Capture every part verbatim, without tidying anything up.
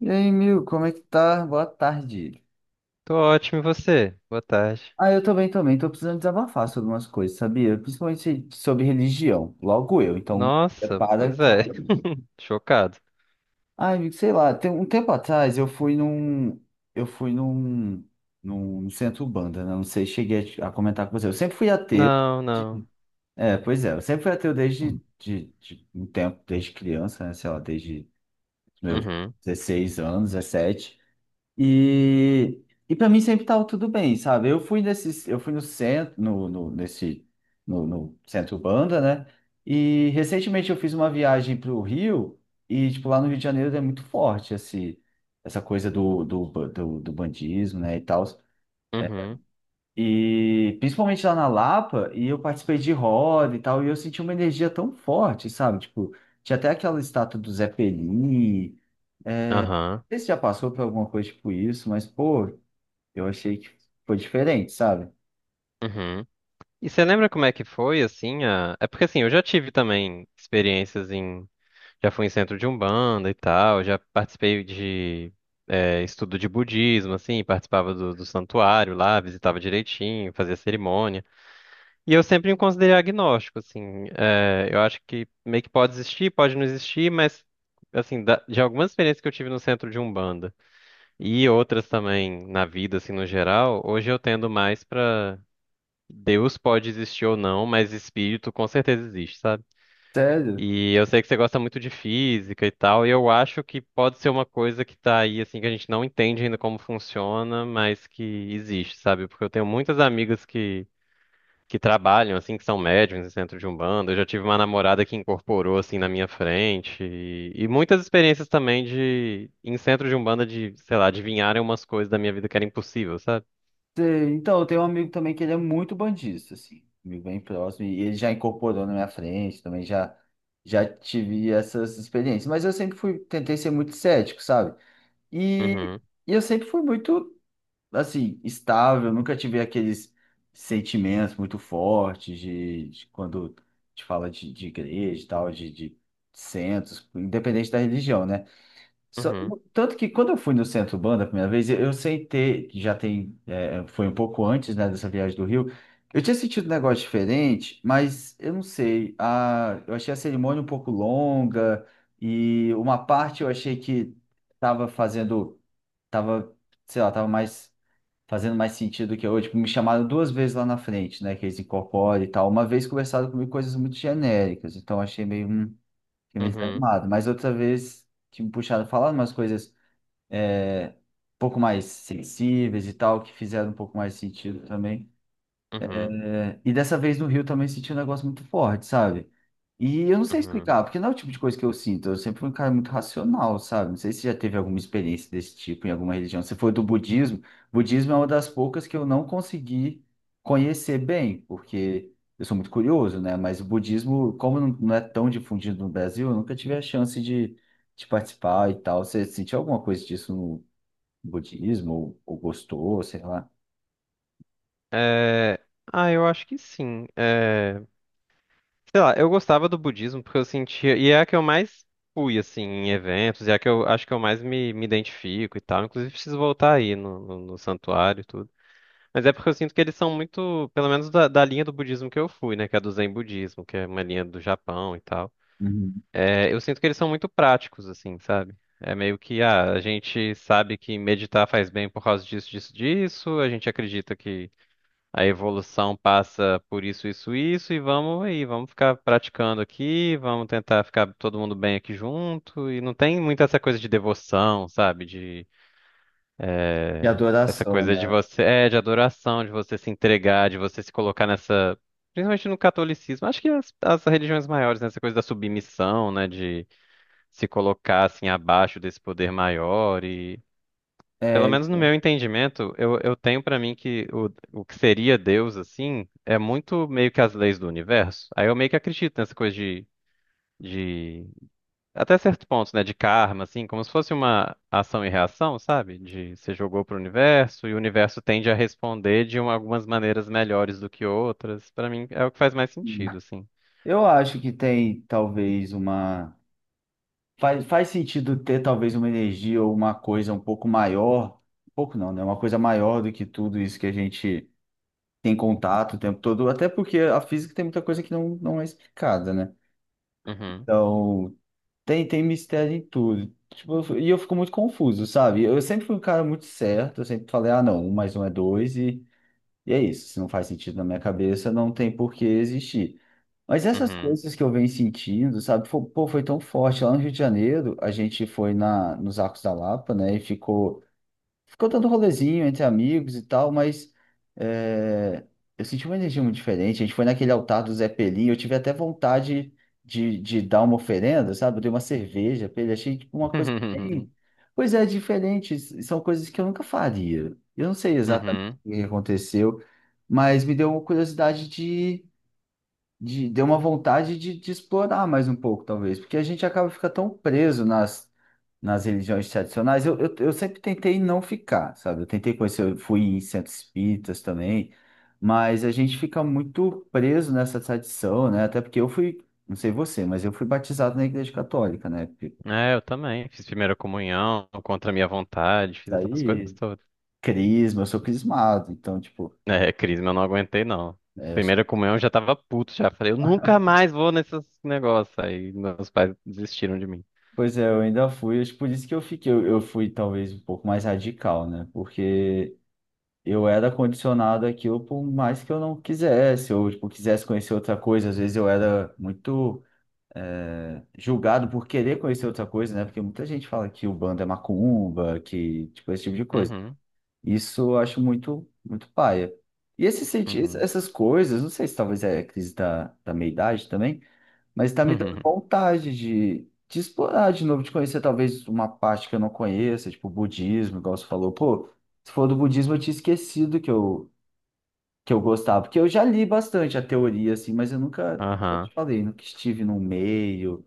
E aí, Mil, como é que tá? Boa tarde. Tô ótimo, e você? Boa tarde. Ah, eu também, também, tô precisando desabafar sobre umas coisas, sabia? Principalmente sobre religião, logo eu, então Nossa, prepara pois que eu... é, chocado. Ah, amigo, sei lá, tem um tempo atrás eu fui num... Eu fui num... num centro Umbanda, né? Não sei, cheguei a a comentar com você. Eu sempre fui ateu. Não, não. É, pois é, eu sempre fui ateu desde de, de um tempo, desde criança, né? Sei lá, desde os meus Uhum, dezesseis anos, dezessete. E, e para mim sempre tava tudo bem, sabe? Eu fui nesses, eu fui no centro, no, no- nesse, no, no centro banda, né? E recentemente eu fiz uma viagem para o Rio e tipo lá no Rio de Janeiro é muito forte esse, essa coisa do, do, ba- do, do bandismo, né? E tal. uhum, E principalmente lá na Lapa e eu participei de roda e tal e eu senti uma energia tão forte, sabe? Tipo tinha até aquela estátua do Zé Pelini. Não aham, sei se já passou por alguma coisa tipo isso, mas pô eu achei que foi diferente, sabe? uhum. E você lembra como é que foi, assim, a... É porque, assim, eu já tive também experiências em... Já fui em centro de Umbanda e tal, já participei de é, estudo de budismo, assim, participava do, do santuário lá, visitava direitinho, fazia cerimônia. E eu sempre me considerei agnóstico, assim. É, eu acho que meio que pode existir, pode não existir, mas, assim, da- de algumas experiências que eu tive no centro de Umbanda e outras também na vida, assim, no geral, hoje eu tendo mais pra Deus pode existir ou não, mas espírito com certeza existe, sabe? Sério? E eu sei que você gosta muito de física e tal, e eu acho que pode ser uma coisa que tá aí, assim, que a gente não entende ainda como funciona, mas que existe, sabe? Porque eu tenho muitas amigas que que trabalham, assim, que são médiums em centro de Umbanda. Eu já tive uma namorada que incorporou, assim, na minha frente. E, e muitas experiências também de, em centro de Umbanda, de, sei lá, adivinharem umas coisas da minha vida que era impossível, sabe? Tem- Então, eu tenho um amigo também que ele é muito bandista, assim, amigo bem próximo, e ele já incorporou na minha frente, também já, já tive essas experiências. Mas eu sempre fui, tentei ser muito cético, sabe? E, Uhum, e eu sempre fui muito, assim, estável, nunca tive aqueles sentimentos muito fortes de, de quando te fala de, de igreja e tal, de, de centros, independente da religião, né? Só- uhum, um, tanto que quando eu fui no Centro Banda a primeira vez, eu eu sentei, já tem, é, foi um pouco antes, né, dessa viagem do Rio, eu tinha sentido um negócio diferente, mas eu não sei, a, eu achei a cerimônia um pouco longa e uma parte eu achei que tava fazendo, tava, sei lá, tava mais, fazendo mais sentido que eu, tipo, me chamaram duas vezes lá na frente, né, que eles incorporam e tal, uma vez conversaram comigo coisas muito genéricas, então achei meio, hum, fiquei meio uhum, desanimado, mas outra vez que me puxaram falando umas coisas pouco mais sensíveis e tal, que fizeram um pouco mais sentido também. uhum, É, e dessa vez no Rio também senti um negócio muito forte, sabe? E eu não sei uhum. explicar, porque não é o tipo de coisa que eu sinto. Eu sempre fui um cara muito racional, sabe? Não sei se já teve alguma experiência desse tipo em alguma religião. Você foi do budismo. Budismo é uma das poucas que eu não consegui conhecer bem, porque eu sou muito curioso, né? Mas o budismo, como não não é tão difundido no Brasil, eu nunca tive a chance de, de participar e tal. Você sentiu alguma coisa disso budismo ou, ou gostou, sei lá, É... Ah, eu acho que sim. É... Sei lá, eu gostava do budismo porque eu sentia. E é a que eu mais fui, assim, em eventos, e é a que eu acho que eu mais me, me identifico e tal. Inclusive, preciso voltar aí no, no, no santuário e tudo. Mas é porque eu sinto que eles são muito, pelo menos da, da linha do budismo que eu fui, né? Que é do Zen budismo, que é uma linha do Japão e tal. Uhum. É, eu sinto que eles são muito práticos, assim, sabe? É meio que, ah, a gente sabe que meditar faz bem por causa disso, disso, disso. A gente acredita que a evolução passa por isso, isso, isso. E vamos aí, vamos ficar praticando aqui, vamos tentar ficar todo mundo bem aqui junto. E não tem muita essa coisa de devoção, sabe? De Essa adoração, coisa de né? você, é, de adoração, de você se entregar, de você se colocar nessa, principalmente no catolicismo, acho que as, as religiões maiores, né, essa coisa da submissão, né, de se colocar assim abaixo desse poder maior e, pelo É, menos no meu entendimento, eu, eu tenho pra mim que o, o que seria Deus assim é muito meio que as leis do universo. Aí eu meio que acredito nessa coisa de de até certo ponto, né, de karma, assim, como se fosse uma ação e reação, sabe? De você jogou pro universo e o universo tende a responder de uma- algumas maneiras melhores do que outras. Pra mim é o que faz mais sentido, assim. eu acho que tem talvez uma. Faz, faz sentido ter talvez uma energia ou uma coisa um pouco maior. Um pouco não, né? Uma coisa maior do que tudo isso que a gente tem contato o tempo todo. Até porque a física tem muita coisa que não, não é explicada, né? Uhum, Então, tem, tem mistério em tudo. Tipo, eu f- e eu fico muito confuso, sabe? Eu sempre fui um cara muito certo. Eu sempre falei, ah, não, um mais um é dois. e E é isso, se não faz sentido na minha cabeça, não tem por que existir. Mas essas uhum. coisas que eu venho sentindo, sabe? Fo- Pô, foi tão forte. Lá no Rio de Janeiro, a gente foi na, nos Arcos da Lapa, né? E ficou. Ficou dando rolezinho entre amigos e tal, mas é, eu senti uma energia muito diferente. A gente foi naquele altar do Zé Pelinho, eu tive até vontade de, de dar uma oferenda, sabe? Eu dei uma cerveja pra ele, achei tipo, uma coisa bem... Pois é, diferente, s- são coisas que eu nunca faria. Eu não sei exatamente Uhum. o que aconteceu, mas me deu uma curiosidade de... de deu uma vontade de, de explorar mais um pouco, talvez, porque a gente acaba ficando tão preso nas nas religiões tradicionais, eu, eu, eu sempre tentei não ficar, sabe? Eu tentei conhecer, eu fui em centros espíritas também, mas a gente fica muito preso nessa tradição, né? Até porque eu fui, não sei você, mas eu fui batizado na Igreja Católica, né? Porque É, eu também. Fiz primeira comunhão contra a minha vontade, fiz essas coisas daí, todas. crisma, eu sou crismado, então, tipo, É, crisma, eu não aguentei, não. Primeira comunhão eu já tava puto, já falei, eu nunca mais vou nesses negócios. Aí meus pais desistiram de mim. pois é, eu ainda fui, acho que por isso que eu fiquei, eu, eu fui talvez um pouco mais radical, né? Porque. Eu era condicionado àquilo por mais que eu não quisesse, ou tipo, quisesse conhecer outra coisa. Às vezes eu era muito é, julgado por querer conhecer outra coisa, né? Porque muita gente fala que o bando é macumba, que tipo esse tipo de coisa. Uhum, Isso eu acho muito muito paia. E esse senti ess- uhum, essas coisas, não sei se talvez é a crise da, da meia-idade também, mas está me dando uhum, vontade de, de explorar de novo, de conhecer talvez uma parte que eu não conheça, tipo budismo, igual você falou. Pô, se for do budismo, eu tinha esquecido que eu, que eu gostava, porque eu já li bastante a teoria, assim, mas eu nunca, eu aham, te falei, nunca estive no meio.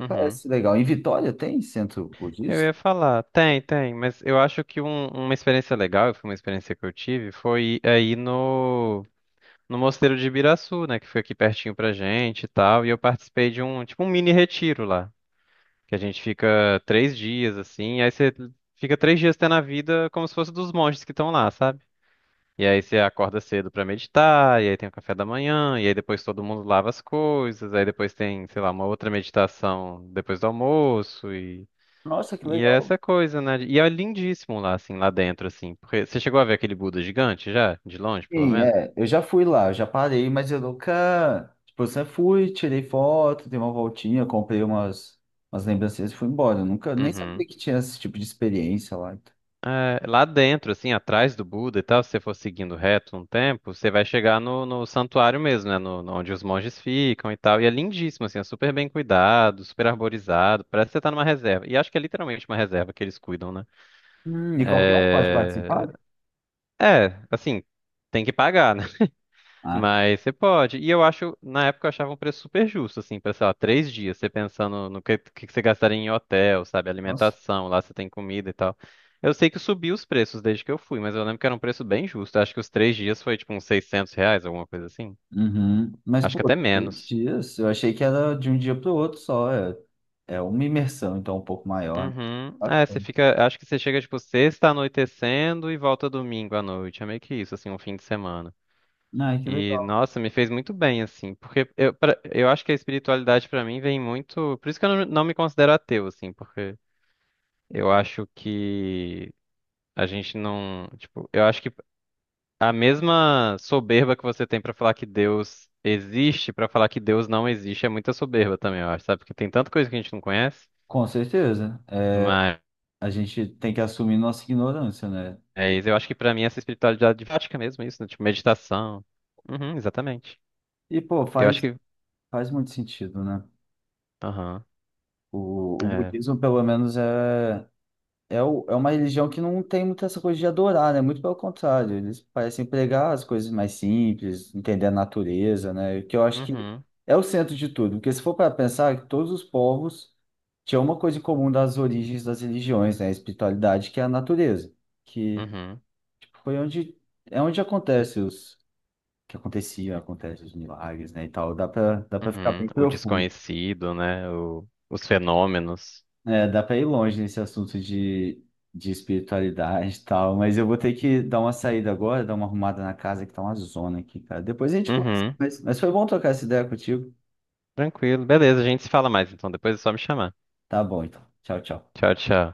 uhum. Parece legal. Em Vitória tem centro Eu budista? ia falar, tem, tem, mas eu acho que um- uma experiência legal, foi uma experiência que eu tive, foi aí no, no, Mosteiro de Ibiraçu, né, que foi aqui pertinho pra gente e tal, e eu participei de um, tipo um mini retiro lá, que a gente fica três dias, assim, aí você fica três dias tendo a vida como se fosse dos monges que estão lá, sabe? E aí você acorda cedo pra meditar, e aí tem o café da manhã, e aí depois todo mundo lava as coisas, aí depois tem, sei lá, uma outra meditação depois do almoço e Nossa, que e é legal. essa coisa, né? E é lindíssimo lá assim, lá dentro assim, porque você chegou a ver aquele Buda gigante já, de longe, pelo Sim, menos? é. Eu já fui lá, eu já parei, mas eu nunca. Tipo, eu sempre fui, tirei foto, dei uma voltinha, comprei umas, umas lembrancinhas e fui embora. Eu nunca nem Uhum. sabia que tinha esse tipo de experiência lá. Então. É, lá dentro, assim, atrás do Buda e tal, se você for seguindo reto um tempo, você vai chegar no, no santuário mesmo, né? No, no- onde os monges ficam e tal. E é lindíssimo, assim, é super bem cuidado, super arborizado. Parece que você tá numa reserva. E acho que é literalmente uma reserva que eles cuidam, né? Hum, e qualquer um pode participar? É, assim, tem que pagar, né? Ah, tá. Mas você pode. E eu acho, na época eu achava um preço super justo, assim, pra, sei lá, três dias, você pensando no que, que que você gastaria em hotel, sabe? Nossa. Alimentação, lá você tem comida e tal. Eu sei que subiu os preços desde que eu fui, mas eu lembro que era um preço bem justo. Eu acho que os três dias foi tipo uns seiscentos reais, alguma coisa assim. Uhum. Mas, Acho que pô, até três menos. dias. Eu achei que era de um dia para o outro só. É, é uma imersão, então, um pouco maior. Né? Uhum. É, você Bacana. fica. Acho que você chega, tipo, sexta anoitecendo e volta domingo à noite. É meio que isso, assim, um fim de semana. Ai, que E, legal. nossa, me fez muito bem, assim, porque eu, pra- eu acho que a espiritualidade pra mim vem muito. Por isso que eu não, não me considero ateu, assim, porque eu acho que a gente não. Tipo, eu acho que a mesma soberba que você tem pra falar que Deus existe, pra falar que Deus não existe, é muita soberba também, eu acho, sabe? Porque tem tanta coisa que a gente não conhece, Com certeza. É, mas a gente tem que assumir nossa ignorância, né? eu acho que pra mim essa espiritualidade de prática mesmo, isso, né? Tipo, meditação. Uhum, exatamente. E, pô, Eu acho faz, que. faz muito sentido, né? Aham. O, o É. budismo, pelo menos, é, é, o- é uma religião que não tem muita essa coisa de adorar, né? Muito pelo contrário, eles parecem pregar as coisas mais simples, entender a natureza, né? Que eu acho que Uhum. é o centro de tudo. Porque se for para pensar que todos os povos tinham uma coisa em comum das origens das religiões, né? A espiritualidade, que é a natureza, que Uhum. tipo, foi onde, é onde acontece os que acontecia, acontece os milagres, né, e tal. Dá para dá para ficar bem Uhum. O profundo. desconhecido, né? O- os fenômenos. É, dá para ir longe nesse assunto de, de espiritualidade e tal, mas eu vou ter que dar uma saída agora, dar uma arrumada na casa que tá uma zona aqui, cara. Depois a gente conversa. Uhum. Mas, mas foi bom trocar essa ideia contigo. Tranquilo. Beleza, a gente se fala mais então. Depois é só me chamar. Tá bom, então. Tchau, tchau. Tchau, tchau.